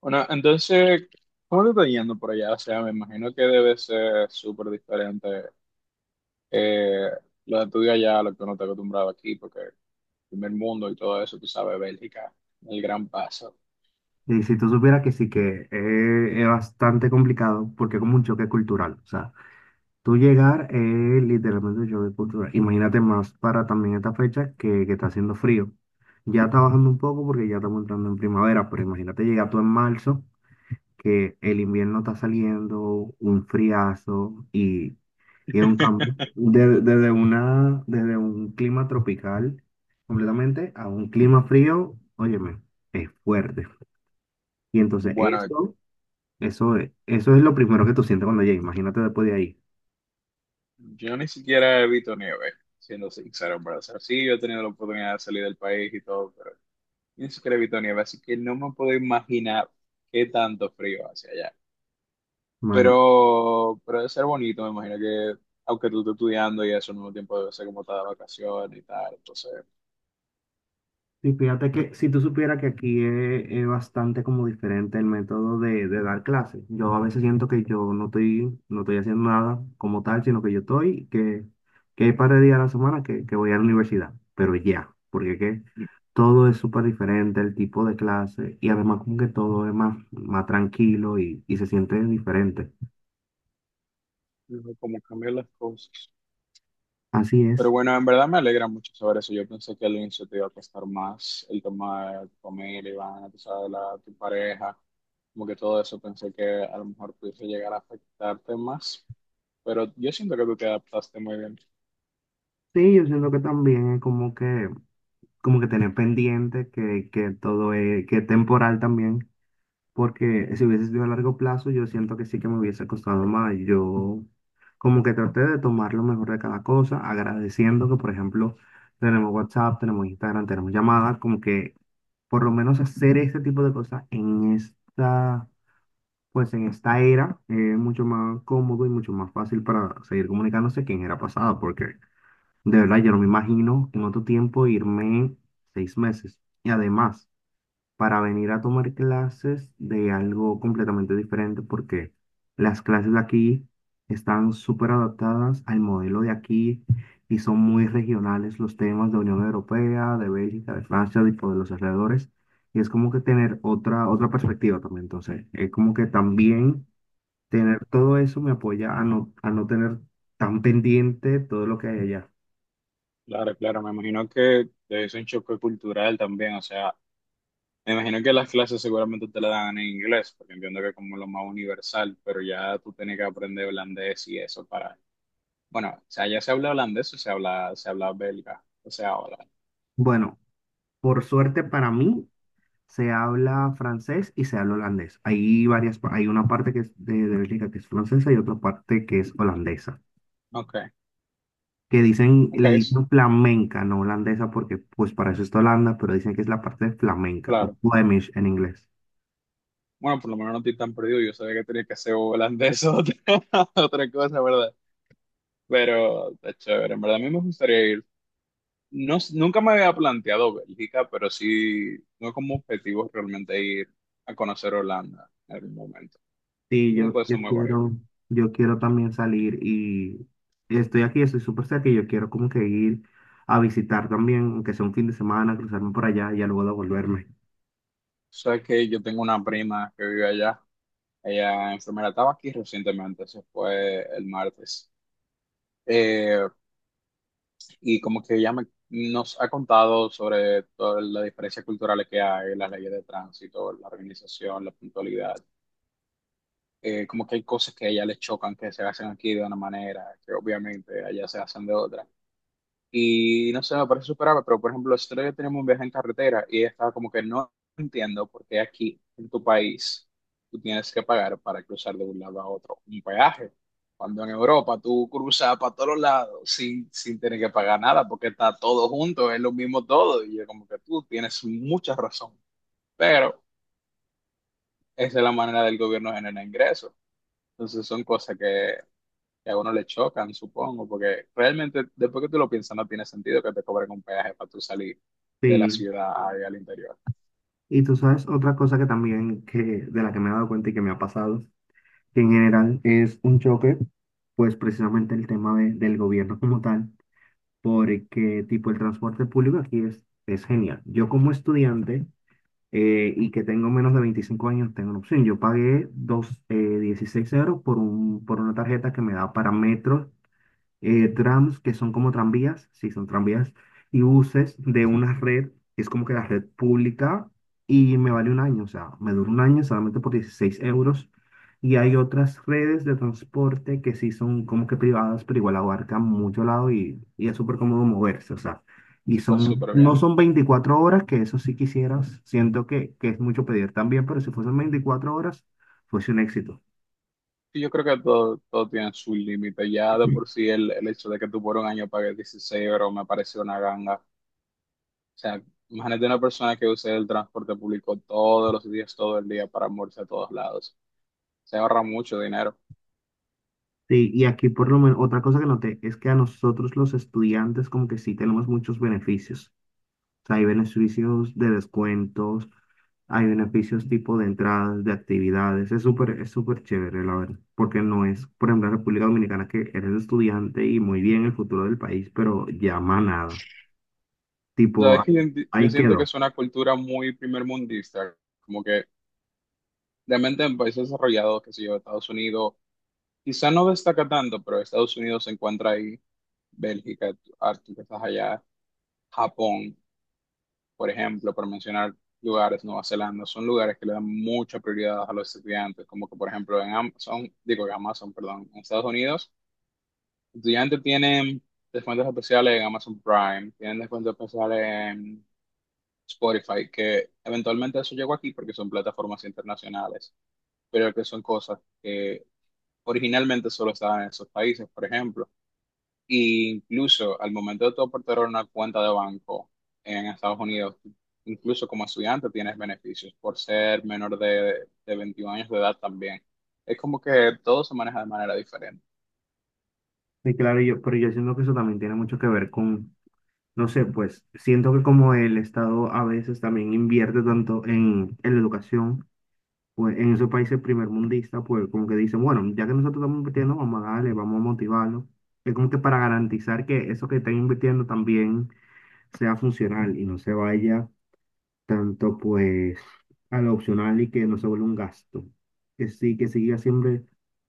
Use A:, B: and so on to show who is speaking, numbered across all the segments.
A: Bueno, entonces, ¿cómo te está yendo por allá? O sea, me imagino que debe ser súper diferente eh, lo de tu día allá, a lo que uno está acostumbrado aquí, porque el primer mundo y todo eso, tú sabes, Bélgica, el gran paso.
B: Y si tú supieras que sí, que es bastante complicado porque es como un choque cultural. O sea, tú llegar es literalmente un choque cultural. Imagínate más para también esta fecha que está haciendo frío. Ya está bajando un poco porque ya estamos entrando en primavera, pero imagínate llegar tú en marzo, que el invierno está saliendo, un friazo y es un cambio desde un clima tropical completamente a un clima frío, óyeme, es fuerte. Y entonces
A: Bueno,
B: esto. Eso es lo primero que tú sientes cuando llegas, imagínate después de ahí.
A: yo ni siquiera he visto nieve, siendo sincero, pero o sea, sí, yo he tenido la oportunidad de salir del país y todo, pero ni siquiera he visto nieve, así que no me puedo imaginar qué tanto frío hacia allá.
B: Bueno,
A: Pero debe ser bonito, me imagino que, aunque tú estés estudiando y eso, al mismo tiempo debe ser como estar de vacaciones y tal, entonces,
B: y fíjate que si tú supieras que aquí es bastante como diferente el método de dar clases. Yo a veces siento que yo no estoy haciendo nada como tal, sino que que hay par de días a la semana que voy a la universidad, pero ya, porque que todo es súper diferente, el tipo de clase, y además como que todo es más, más tranquilo y se siente diferente.
A: no, como cambiar las cosas.
B: Así
A: Pero
B: es.
A: bueno, en verdad me alegra mucho saber eso. Yo pensé que al inicio te iba a costar más el tema de tu familia, Iván, tú sabes, la, tu pareja, como que todo eso pensé que a lo mejor pudiese llegar a afectarte más, pero yo siento que tú te adaptaste muy bien.
B: Sí, yo siento que también es como que tener pendiente que todo es temporal también, porque si hubiese sido a largo plazo, yo siento que sí que me hubiese costado más. Yo como que traté de tomar lo mejor de cada cosa, agradeciendo que, por ejemplo, tenemos WhatsApp, tenemos Instagram, tenemos llamadas, como que por lo menos hacer este tipo de cosas en esta, pues en esta era, es mucho más cómodo y mucho más fácil para seguir comunicándose que en era pasada, porque de verdad, yo no me imagino en otro tiempo irme 6 meses. Y además, para venir a tomar clases de algo completamente diferente, porque las clases de aquí están súper adaptadas al modelo de aquí y son muy regionales los temas de Unión Europea, de Bélgica, de Francia, tipo de los alrededores. Y es como que tener otra, otra perspectiva también. Entonces, es como que también tener todo eso me apoya a no tener tan pendiente todo lo que hay allá.
A: Claro, claro, me imagino que es un choque cultural también, o sea, me imagino que las clases seguramente te la dan en inglés, porque entiendo que es como lo más universal, pero ya tú tienes que aprender holandés y eso para... Bueno, o sea, ya se habla holandés o se habla belga, o sea, hola.
B: Bueno. Por suerte para mí, se habla francés y se habla holandés. Hay hay una parte que es de Bélgica que es francesa y otra parte que es holandesa.
A: Ok,
B: Que dicen,
A: ok,
B: le dicen flamenca, no holandesa, porque pues para eso está Holanda, pero dicen que es la parte de flamenca o
A: claro.
B: Flemish en inglés.
A: Bueno, por lo menos no estoy tan perdido, yo sabía que tenía que ser holandés o otra, otra cosa, ¿verdad? Pero está chévere, en verdad a mí me gustaría ir. No, nunca me había planteado Bélgica, pero sí, no como objetivo realmente ir a conocer Holanda en algún momento.
B: Sí,
A: Creo que
B: yo,
A: puede
B: yo
A: ser muy bonito.
B: quiero, yo quiero también salir y estoy aquí, estoy súper cerca y yo quiero como que ir a visitar también, aunque sea un fin de semana, cruzarme por allá y ya luego devolverme.
A: Sabes que yo tengo una prima que vive allá. Ella enfermera estaba aquí recientemente, eso fue el martes. Eh, y como que nos ha contado sobre todas las diferencias culturales que hay, las leyes de tránsito, la organización, la puntualidad. Como que hay cosas que a ella le chocan que se hacen aquí de una manera, que obviamente allá se hacen de otra. Y no sé, me parece superable, pero por ejemplo, nosotros ya tenemos un viaje en carretera y ella estaba como que no entiendo por qué aquí en tu país tú tienes que pagar para cruzar de un lado a otro un peaje. Cuando en Europa tú cruzas para todos lados sin tener que pagar nada porque está todo junto, es lo mismo todo. Y yo como que tú tienes mucha razón, pero esa es la manera del gobierno generar ingresos. Entonces son cosas que a uno le chocan, supongo, porque realmente después que tú lo piensas no tiene sentido que te cobren un peaje para tú salir de la
B: Sí.
A: ciudad ahí al interior.
B: Y tú sabes, otra cosa de la que me he dado cuenta y que me ha pasado, que en general es un choque, pues precisamente el tema del gobierno como tal, porque tipo el transporte público aquí es genial. Yo como estudiante y que tengo menos de 25 años, tengo una opción. Yo pagué 16 euros por una tarjeta que me da para metro, trams, que son como tranvías, sí, son tranvías, y buses de una red, que es como que la red pública, y me vale un año, o sea, me dura un año solamente por 16 euros. Y hay otras redes de transporte que sí son como que privadas, pero igual abarcan mucho lado y es súper cómodo moverse, o sea,
A: Está súper
B: no
A: bien.
B: son 24 horas, que eso sí quisieras, siento que es mucho pedir también, pero si fuesen 24 horas, fuese un éxito.
A: Y yo creo que todo tiene su límite. Ya de por sí el hecho de que tú por un año pagues 16 euros me parece una ganga. O sea, imagínate una persona que use el transporte público todos los días, todo el día para moverse a todos lados. Se ahorra mucho dinero.
B: Sí, y aquí por lo menos otra cosa que noté es que a nosotros los estudiantes como que sí tenemos muchos beneficios. O sea, hay beneficios de descuentos, hay beneficios tipo de entradas, de actividades. Es súper chévere, la verdad. Porque no es, por ejemplo, en República Dominicana que eres estudiante y muy bien el futuro del país, pero llama nada. Tipo,
A: Sabes que
B: ahí,
A: yo
B: ahí
A: siento que
B: quedó.
A: es una cultura muy primermundista, como que realmente en países desarrollados, que sé yo, Estados Unidos, quizá no destaca tanto, pero Estados Unidos se encuentra ahí, Bélgica, tú que estás allá, Japón, por ejemplo, por mencionar lugares, Nueva Zelanda, son lugares que le dan mucha prioridad a los estudiantes, como que por ejemplo en Amazon, digo en Amazon, perdón, en Estados Unidos, estudiantes tienen descuentos especiales en Amazon Prime, tienen descuentos especiales en Spotify, que eventualmente eso llegó aquí porque son plataformas internacionales, pero que son cosas que originalmente solo estaban en esos países, por ejemplo. Y incluso al momento de tú aportar una cuenta de banco en Estados Unidos, incluso como estudiante tienes beneficios por ser menor de 21 años de edad también. Es como que todo se maneja de manera diferente.
B: Sí claro, pero yo siento que eso también tiene mucho que ver con, no sé, pues siento que como el Estado a veces también invierte tanto en la educación pues en esos países primermundistas, pues como que dicen, bueno, ya que nosotros estamos invirtiendo, vamos a darle, vamos a motivarlo. Es como que para garantizar que eso que están invirtiendo también sea funcional y no se vaya tanto pues a lo opcional y que no se vuelva un gasto. Que sí, que siga siempre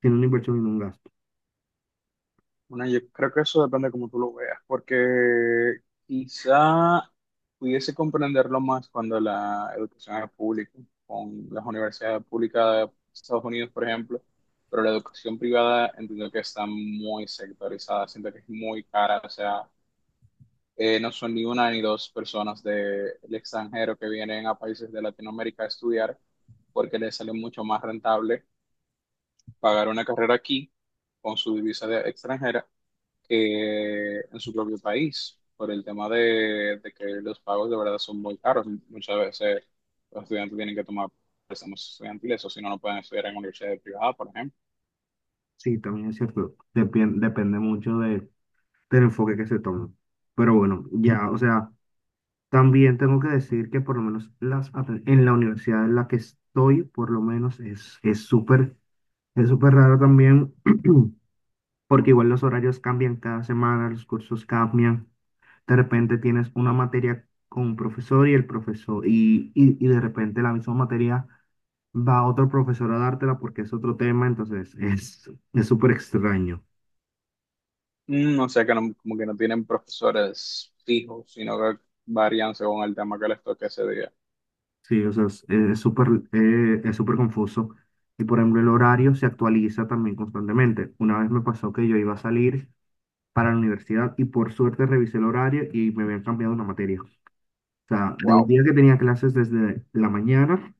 B: siendo una inversión y no un gasto.
A: Bueno, yo creo que eso depende de cómo tú lo veas, porque quizá pudiese comprenderlo más cuando la educación es pública, con las universidades públicas de Estados Unidos, por ejemplo, pero la educación privada entiendo que está muy sectorizada, siento que es muy cara, o sea, no son ni una ni dos personas del extranjero que vienen a países de Latinoamérica a estudiar, porque les sale mucho más rentable pagar una carrera aquí con su divisa de extranjera que en su propio país, por el tema de que los pagos de verdad son muy caros. Muchas veces los estudiantes tienen que tomar préstamos estudiantiles, o si no, no pueden estudiar en universidades privadas, por ejemplo.
B: Sí, también es cierto, depende mucho del enfoque que se tome. Pero bueno, ya, o sea. También tengo que decir que por lo menos en la universidad en la que estoy, por lo menos es súper raro también, porque igual los horarios cambian cada semana, los cursos cambian. De repente tienes una materia con un profesor y el profesor, y de repente la misma materia va otro profesor a dártela porque es otro tema, entonces es súper extraño.
A: Mm, o sea que como que no tienen profesores fijos, sino que varían según el tema que les toque ese día.
B: Sí, o sea, es súper confuso. Y por ejemplo, el horario se actualiza también constantemente. Una vez me pasó que yo iba a salir para la universidad y por suerte revisé el horario y me habían cambiado una materia. O sea, de un
A: Wow. O
B: día que tenía clases desde la mañana,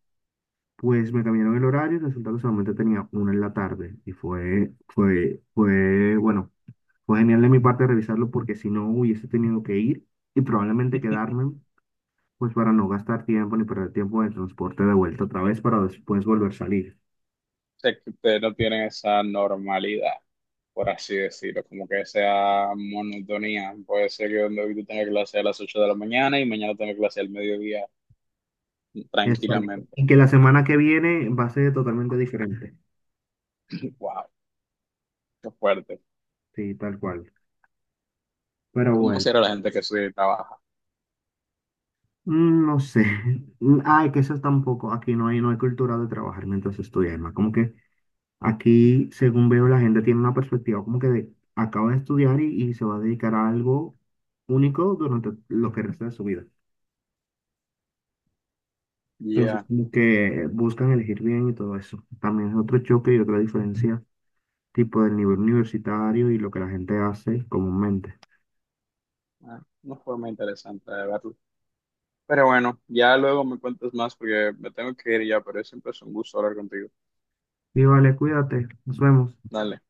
B: pues me cambiaron el horario y resulta que solamente tenía una en la tarde. Y bueno, fue genial de mi parte revisarlo porque si no hubiese tenido que ir y probablemente quedarme pues para no gastar tiempo ni perder tiempo de transporte de vuelta otra vez para después volver a salir.
A: sea que ustedes no tienen esa normalidad, por así decirlo, como que esa monotonía. Puede ser que donde hoy tú tengas clase a las 8 de la mañana y mañana tengas clase al mediodía
B: Exacto.
A: tranquilamente.
B: Y que la semana que viene va a ser totalmente diferente.
A: Wow, qué fuerte.
B: Sí, tal cual. Pero
A: ¿Cómo
B: bueno,
A: será la gente que estudia y trabaja?
B: no sé. Ay, que eso tampoco. Aquí no hay cultura de trabajar mientras estudia, Emma. Como que aquí, según veo, la gente tiene una perspectiva como que de, acaba de estudiar y se va a dedicar a algo único durante lo que resta de su vida. Entonces,
A: Ya,
B: como que buscan elegir bien y todo eso. También es otro choque y otra diferencia tipo del nivel universitario y lo que la gente hace comúnmente.
A: ah, una forma interesante de verlo. Pero bueno, ya luego me cuentas más porque me tengo que ir ya, pero siempre es un gusto hablar contigo.
B: Y vale, cuídate, nos vemos.
A: Dale.